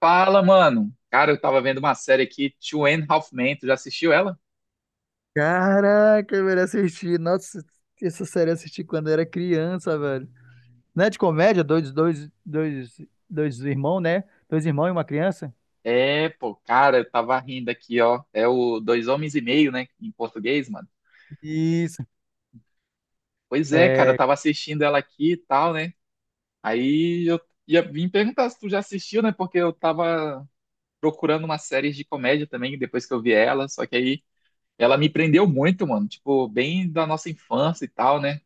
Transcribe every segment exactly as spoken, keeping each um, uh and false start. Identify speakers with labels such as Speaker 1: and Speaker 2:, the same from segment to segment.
Speaker 1: Fala, mano. Cara, eu tava vendo uma série aqui, tú end ráfi mén. Tu já assistiu ela?
Speaker 2: Caraca, eu assisti. Nossa, essa série eu assisti quando eu era criança, velho. Não é de comédia? Dois, dois, dois, dois irmãos, né? Dois irmãos e uma criança?
Speaker 1: É, pô, cara, eu tava rindo aqui, ó. É o Dois Homens e Meio, né? Em português, mano.
Speaker 2: Isso.
Speaker 1: Pois é, cara, eu
Speaker 2: É,
Speaker 1: tava assistindo ela aqui e tal, né? Aí eu ia vim perguntar se tu já assistiu, né? Porque eu tava procurando uma série de comédia também, depois que eu vi ela. Só que aí ela me prendeu muito, mano. Tipo, bem da nossa infância e tal, né?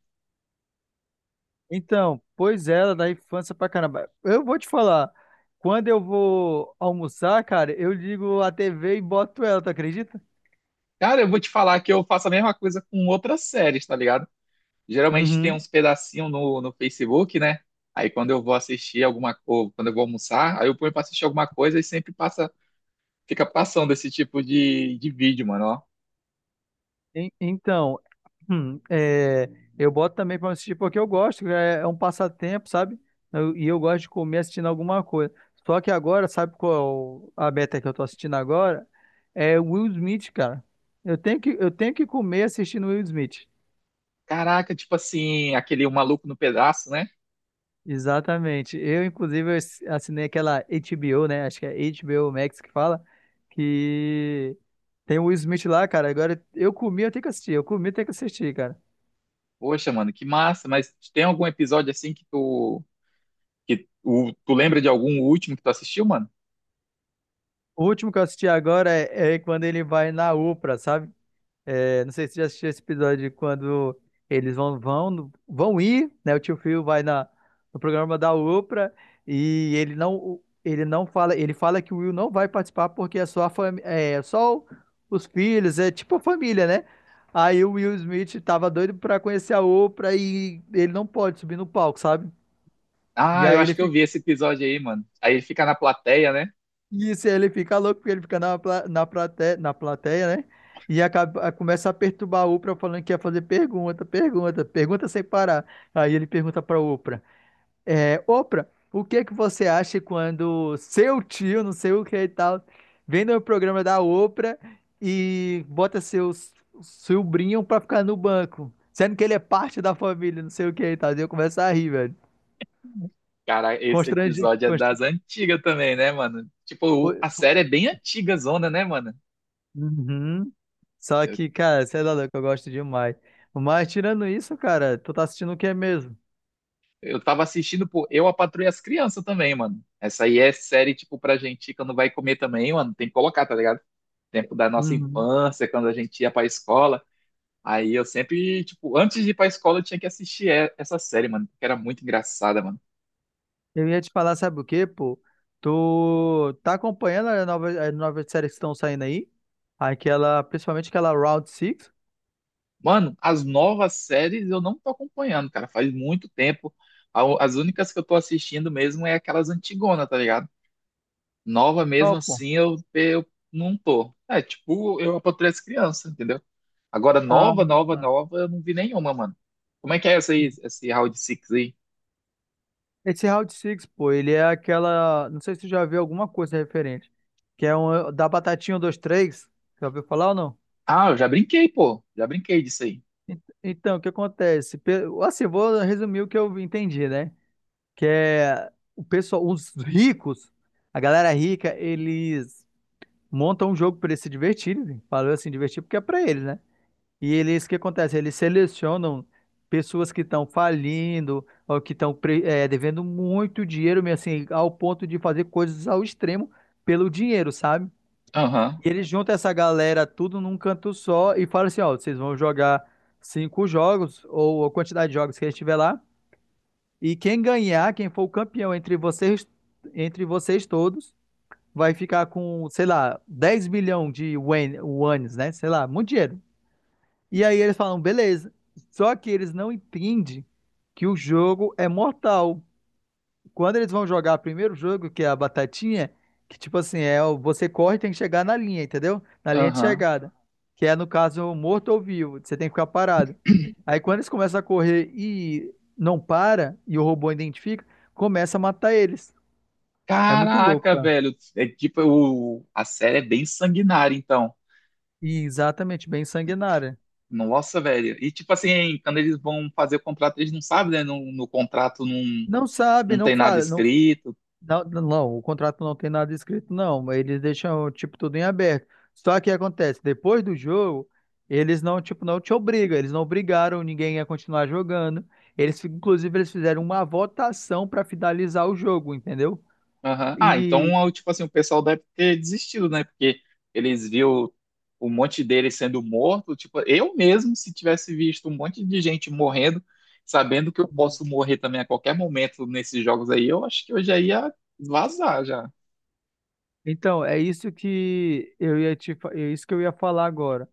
Speaker 2: então, pois é, ela da infância pra caramba. Eu vou te falar, quando eu vou almoçar, cara, eu ligo a T V e boto ela, tu acredita?
Speaker 1: Cara, eu vou te falar que eu faço a mesma coisa com outras séries, tá ligado? Geralmente tem
Speaker 2: Uhum.
Speaker 1: uns pedacinhos no, no Facebook, né? Aí quando eu vou assistir alguma coisa, quando eu vou almoçar, aí eu ponho pra assistir alguma coisa e sempre passa, fica passando esse tipo de, de vídeo, mano, ó.
Speaker 2: En- Então, hum, é, eu boto também para assistir porque eu gosto, é, é um passatempo, sabe? Eu- e eu gosto de comer assistindo alguma coisa. Só que agora, sabe qual a meta que eu tô assistindo agora? É o Will Smith, cara. Eu tenho que, eu tenho que comer assistindo Will Smith.
Speaker 1: Caraca, tipo assim, aquele O maluco no pedaço, né?
Speaker 2: Exatamente. Eu, inclusive, eu ass- assinei aquela H B O, né? Acho que é H B O Max que fala, que tem o Will Smith lá, cara. Agora eu comi, eu tenho que assistir. Eu comi, eu tenho que assistir, cara.
Speaker 1: Poxa, mano, que massa, mas tem algum episódio assim que tu que o, tu lembra de algum último que tu assistiu, mano?
Speaker 2: O último que eu assisti agora é, é quando ele vai na UPA, sabe? É, não sei se você já assistiu esse episódio de quando eles vão vão no- vão ir, né? O tio Phil vai na, no programa da UPA e ele não ele não fala, ele fala que o Will não vai participar porque é só a fami- é só o- os filhos, é tipo a família, né? Aí o Will Smith tava doido pra conhecer a Oprah e ele não pode subir no palco, sabe? E
Speaker 1: Ah, eu
Speaker 2: aí
Speaker 1: acho
Speaker 2: ele
Speaker 1: que eu vi
Speaker 2: fica
Speaker 1: esse episódio aí, mano. Aí ele fica na plateia, né?
Speaker 2: E isso ele fica louco, porque ele fica na, pla- na, plateia, na plateia, né? E acaba, começa a perturbar a Oprah falando que ia fazer pergunta, pergunta, pergunta sem parar. Aí ele pergunta pra Oprah, é, Oprah, o que é que você acha quando seu tio, não sei o que e tal, vem no programa da Oprah e bota seus sobrinho pra ficar no banco, sendo que ele é parte da família, não sei o que e tal. E eu começo a rir, velho.
Speaker 1: Cara, esse
Speaker 2: Constrangido,
Speaker 1: episódio é das
Speaker 2: constrangido.
Speaker 1: antigas também, né, mano? Tipo, a série é bem antiga, zona, né, mano?
Speaker 2: Uhum. Só que, cara, você é louco, eu gosto demais. Mas tirando isso, cara, tu tá assistindo o que mesmo?
Speaker 1: Eu tava assistindo, pô, Eu, a Patroa e as Crianças também, mano. Essa aí é série, tipo, pra gente que não vai comer também, mano. Tem que colocar, tá ligado? Tempo da nossa
Speaker 2: Uhum.
Speaker 1: infância, quando a gente ia pra escola. Aí eu sempre, tipo, antes de ir pra escola eu tinha que assistir e- essa série, mano, porque era muito engraçada, mano.
Speaker 2: Eu ia te falar, sabe o quê, pô? Tu tá acompanhando as novas, as novas séries que estão saindo aí? Aquela, principalmente aquela Round Six.
Speaker 1: Mano, as novas séries eu não tô acompanhando, cara, faz muito tempo. A- As únicas que eu tô assistindo mesmo é aquelas antigonas, tá ligado? Nova
Speaker 2: Qual,
Speaker 1: mesmo
Speaker 2: pô?
Speaker 1: assim eu, eu não tô. É, tipo, eu apatrei as crianças, entendeu? Agora,
Speaker 2: Ah,
Speaker 1: nova, nova,
Speaker 2: tá.
Speaker 1: nova, eu não vi nenhuma, mano. Como é que é essa aí, esse Round Six aí?
Speaker 2: Esse Round Six pô, ele é aquela. Não sei se tu já viu alguma coisa referente. Que é um da Batatinha um dois-três. Já ouviu falar ou não?
Speaker 1: Ah, eu já brinquei, pô. Já brinquei disso aí.
Speaker 2: Ent- Então, o que acontece? Pe- Assim, eu vou resumir o que eu entendi, né? Que é o pessoal, os ricos, a galera rica, eles montam um jogo para eles se divertirem. Falou assim, divertir porque é para eles, né? E eles, o que acontece? Eles selecionam pessoas que estão falindo ou que estão pre- eh, devendo muito dinheiro, mesmo assim, ao ponto de fazer coisas ao extremo pelo dinheiro, sabe?
Speaker 1: Aham,
Speaker 2: E eles juntam essa galera tudo num canto só e falam assim, ó, vocês vão jogar cinco jogos ou a quantidade de jogos que a gente tiver lá. E quem ganhar, quem for o campeão entre vocês, entre vocês todos, vai ficar com, sei lá, dez milhões de wen- wones, né? Sei lá, muito dinheiro. E aí eles falam, beleza. Só que eles não entendem que o jogo é mortal. Quando eles vão jogar o primeiro jogo, que é a batatinha, que tipo assim, é o- você corre e tem que chegar na linha, entendeu? Na linha de
Speaker 1: aham.
Speaker 2: chegada. Que é, no caso, morto ou vivo. Você tem que ficar parado. Aí quando eles começam a correr e não para, e o robô identifica, começa a matar eles. É muito louco,
Speaker 1: Caraca,
Speaker 2: cara.
Speaker 1: velho. É tipo, o, a série é bem sanguinária, então.
Speaker 2: E exatamente, bem sanguinária.
Speaker 1: Nossa, velho. E tipo assim, quando eles vão fazer o contrato, eles não sabem, né? No, no contrato não,
Speaker 2: Não sabe,
Speaker 1: não
Speaker 2: não
Speaker 1: tem nada
Speaker 2: fala, não.
Speaker 1: escrito.
Speaker 2: Não, não, o contrato não tem nada escrito, não, mas eles deixam, tipo, tudo em aberto. Só que acontece, depois do jogo, eles não, tipo, não te obrigam. Eles não obrigaram ninguém a continuar jogando. Eles, fi- inclusive, eles fizeram uma votação para finalizar o jogo, entendeu?
Speaker 1: Aham. Ah,
Speaker 2: E
Speaker 1: então, eu, tipo assim, o pessoal deve ter desistido, né? Porque eles viu um monte deles sendo morto. Tipo, eu mesmo, se tivesse visto um monte de gente morrendo, sabendo que eu posso morrer também a qualquer momento nesses jogos aí, eu acho que eu já ia vazar já.
Speaker 2: então, é isso que eu ia te, fa- é isso que eu ia falar agora.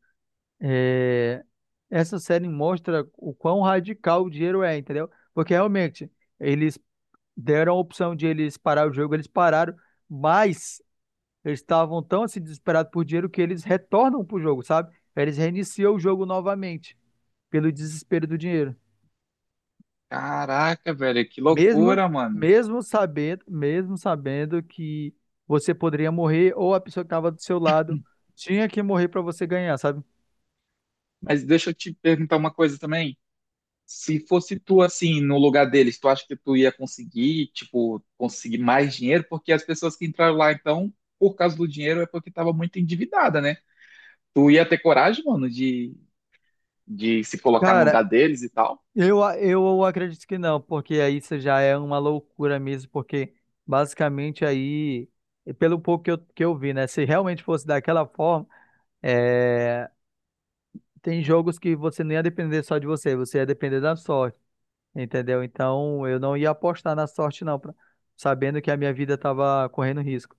Speaker 2: É, essa série mostra o quão radical o dinheiro é, entendeu? Porque realmente, eles deram a opção de eles parar o jogo, eles pararam, mas eles estavam tão assim desesperados por dinheiro que eles retornam pro jogo, sabe? Eles reiniciam o jogo novamente pelo desespero do dinheiro.
Speaker 1: Caraca, velho, que
Speaker 2: Mesmo
Speaker 1: loucura, mano.
Speaker 2: mesmo sabendo, mesmo sabendo que você poderia morrer ou a pessoa que estava do seu lado tinha que morrer para você ganhar, sabe?
Speaker 1: Mas deixa eu te perguntar uma coisa também. Se fosse tu assim no lugar deles, tu acha que tu ia conseguir, tipo, conseguir mais dinheiro? Porque as pessoas que entraram lá, então, por causa do dinheiro, é porque tava muito endividada, né? Tu ia ter coragem, mano, de, de se colocar no
Speaker 2: Cara,
Speaker 1: lugar deles e tal?
Speaker 2: Eu, a- eu acredito que não, porque aí isso já é uma loucura mesmo, porque basicamente aí, pelo pouco que eu, que eu vi, né? Se realmente fosse daquela forma, é, tem jogos que você não ia depender só de você, você ia depender da sorte, entendeu? Então eu não ia apostar na sorte, não, pra- sabendo que a minha vida tava correndo risco.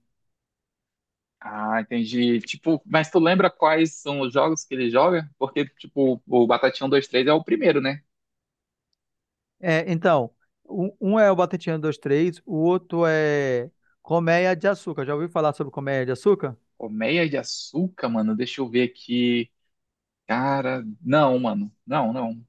Speaker 1: Ah, entendi. Tipo, mas tu lembra quais são os jogos que ele joga? Porque, tipo, o Batatinha um, dois três é o primeiro, né?
Speaker 2: É, então, um, um é o Batatinha dois três, o outro é Colmeia de Açúcar. Já ouviu falar sobre Colmeia de Açúcar?
Speaker 1: Colmeia de açúcar, mano, deixa eu ver aqui. Cara, não, mano. Não, não.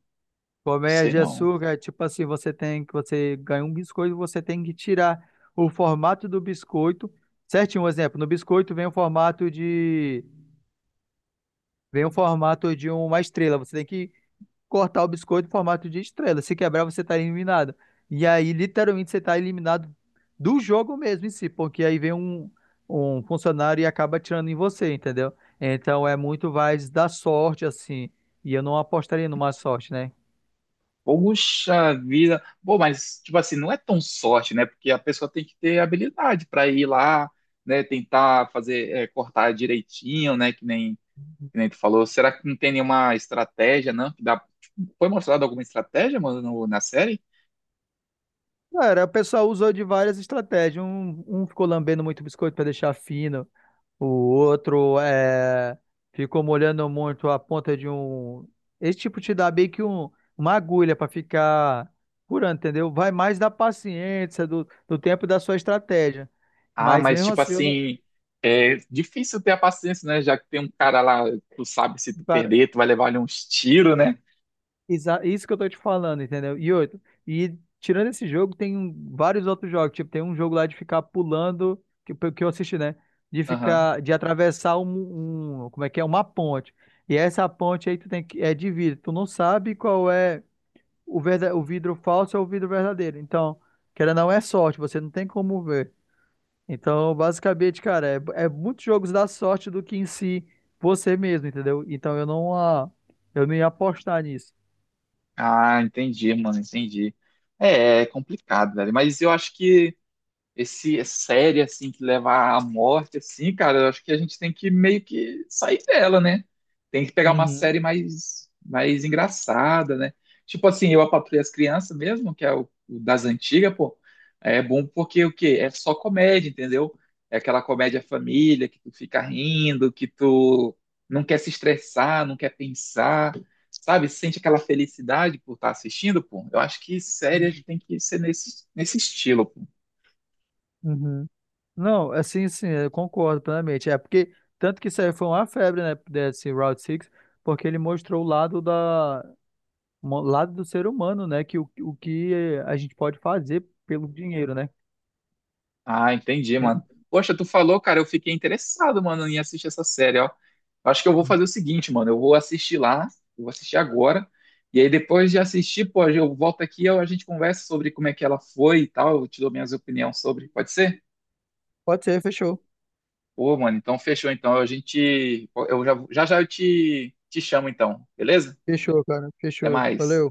Speaker 2: Colmeia
Speaker 1: Sei
Speaker 2: de
Speaker 1: não.
Speaker 2: açúcar, é tipo assim, você tem que você ganha um biscoito, você tem que tirar o formato do biscoito. Certinho, um exemplo, no biscoito vem o formato de vem o formato de uma estrela. Você tem que cortar o biscoito em formato de estrela. Se quebrar, você está eliminado. E aí, literalmente, você está eliminado do jogo mesmo em si, porque aí vem um, um funcionário e acaba tirando em você, entendeu? Então é muito mais da sorte assim. E eu não apostaria numa sorte, né?
Speaker 1: Poxa vida. Pô, mas, tipo assim, não é tão sorte, né? Porque a pessoa tem que ter habilidade para ir lá, né? Tentar fazer, é, cortar direitinho, né? Que nem, que nem tu falou. Será que não tem nenhuma estratégia, não? Que dá... Foi mostrada alguma estratégia, mano, no- na série?
Speaker 2: Cara, o pessoal usou de várias estratégias. Um, um ficou lambendo muito biscoito para deixar fino, o outro é, ficou molhando muito a ponta de um. Esse tipo te dá meio que um, uma agulha para ficar curando, entendeu? Vai mais da paciência, do, do tempo e da sua estratégia.
Speaker 1: Ah,
Speaker 2: Mas
Speaker 1: mas,
Speaker 2: mesmo
Speaker 1: tipo
Speaker 2: assim, eu não.
Speaker 1: assim, é difícil ter a paciência, né? Já que tem um cara lá, tu sabe se tu
Speaker 2: Cara,
Speaker 1: perder, tu vai levar ali uns tiros, né?
Speaker 2: Exa- Isso que eu tô te falando, entendeu? E outro, e tirando esse jogo, tem um- vários outros jogos. Tipo, tem um jogo lá de ficar pulando, que, que eu assisti, né? De
Speaker 1: Aham.
Speaker 2: ficar, de atravessar um, um- como é que é? Uma ponte. E essa ponte aí tu tem que, é de vidro. Tu não sabe qual é o, verda, o vidro falso ou o vidro verdadeiro. Então, querendo ou não, é sorte, você não tem como ver. Então, basicamente, cara, é, é muitos jogos da sorte do que em si você mesmo, entendeu? Então, eu não, ah, eu não ia apostar nisso.
Speaker 1: Ah, entendi, mano, entendi. É, é complicado, velho. Mas eu acho que esse série assim que leva à morte assim, cara, eu acho que a gente tem que meio que sair dela, né? Tem que pegar uma
Speaker 2: Uhum.
Speaker 1: série mais mais engraçada, né? Tipo assim, eu a Patroa e as Crianças mesmo, que é o, o das antigas, pô, é bom porque o quê? É só comédia, entendeu? É aquela comédia família que tu fica rindo, que tu não quer se estressar, não quer pensar, sabe? Sente aquela felicidade por estar assistindo, pô. Eu acho que série a gente
Speaker 2: Uhum.
Speaker 1: tem que ser nesse, nesse estilo, pô.
Speaker 2: Uhum. Não, assim, sim, eu concordo plenamente. É porque, tanto que isso aí foi uma febre, né, desse Route seis, porque ele mostrou o lado da, mo- lado do ser humano, né, que o, o que a gente pode fazer pelo dinheiro, né?
Speaker 1: Ah, entendi,
Speaker 2: É.
Speaker 1: mano. Poxa, tu falou, cara, eu fiquei interessado, mano, em assistir essa série, ó. Eu acho que eu vou fazer o seguinte, mano, eu vou assistir lá, eu vou assistir agora, e aí depois de assistir, pô, eu volto aqui e a gente conversa sobre como é que ela foi e tal, eu te dou minhas opiniões sobre, pode ser?
Speaker 2: Pode ser, fechou.
Speaker 1: Pô, mano, então fechou, então, a gente, eu já já, já eu te, te chamo, então, beleza?
Speaker 2: Fechou, cara.
Speaker 1: Até
Speaker 2: Fechou.
Speaker 1: mais.
Speaker 2: Valeu.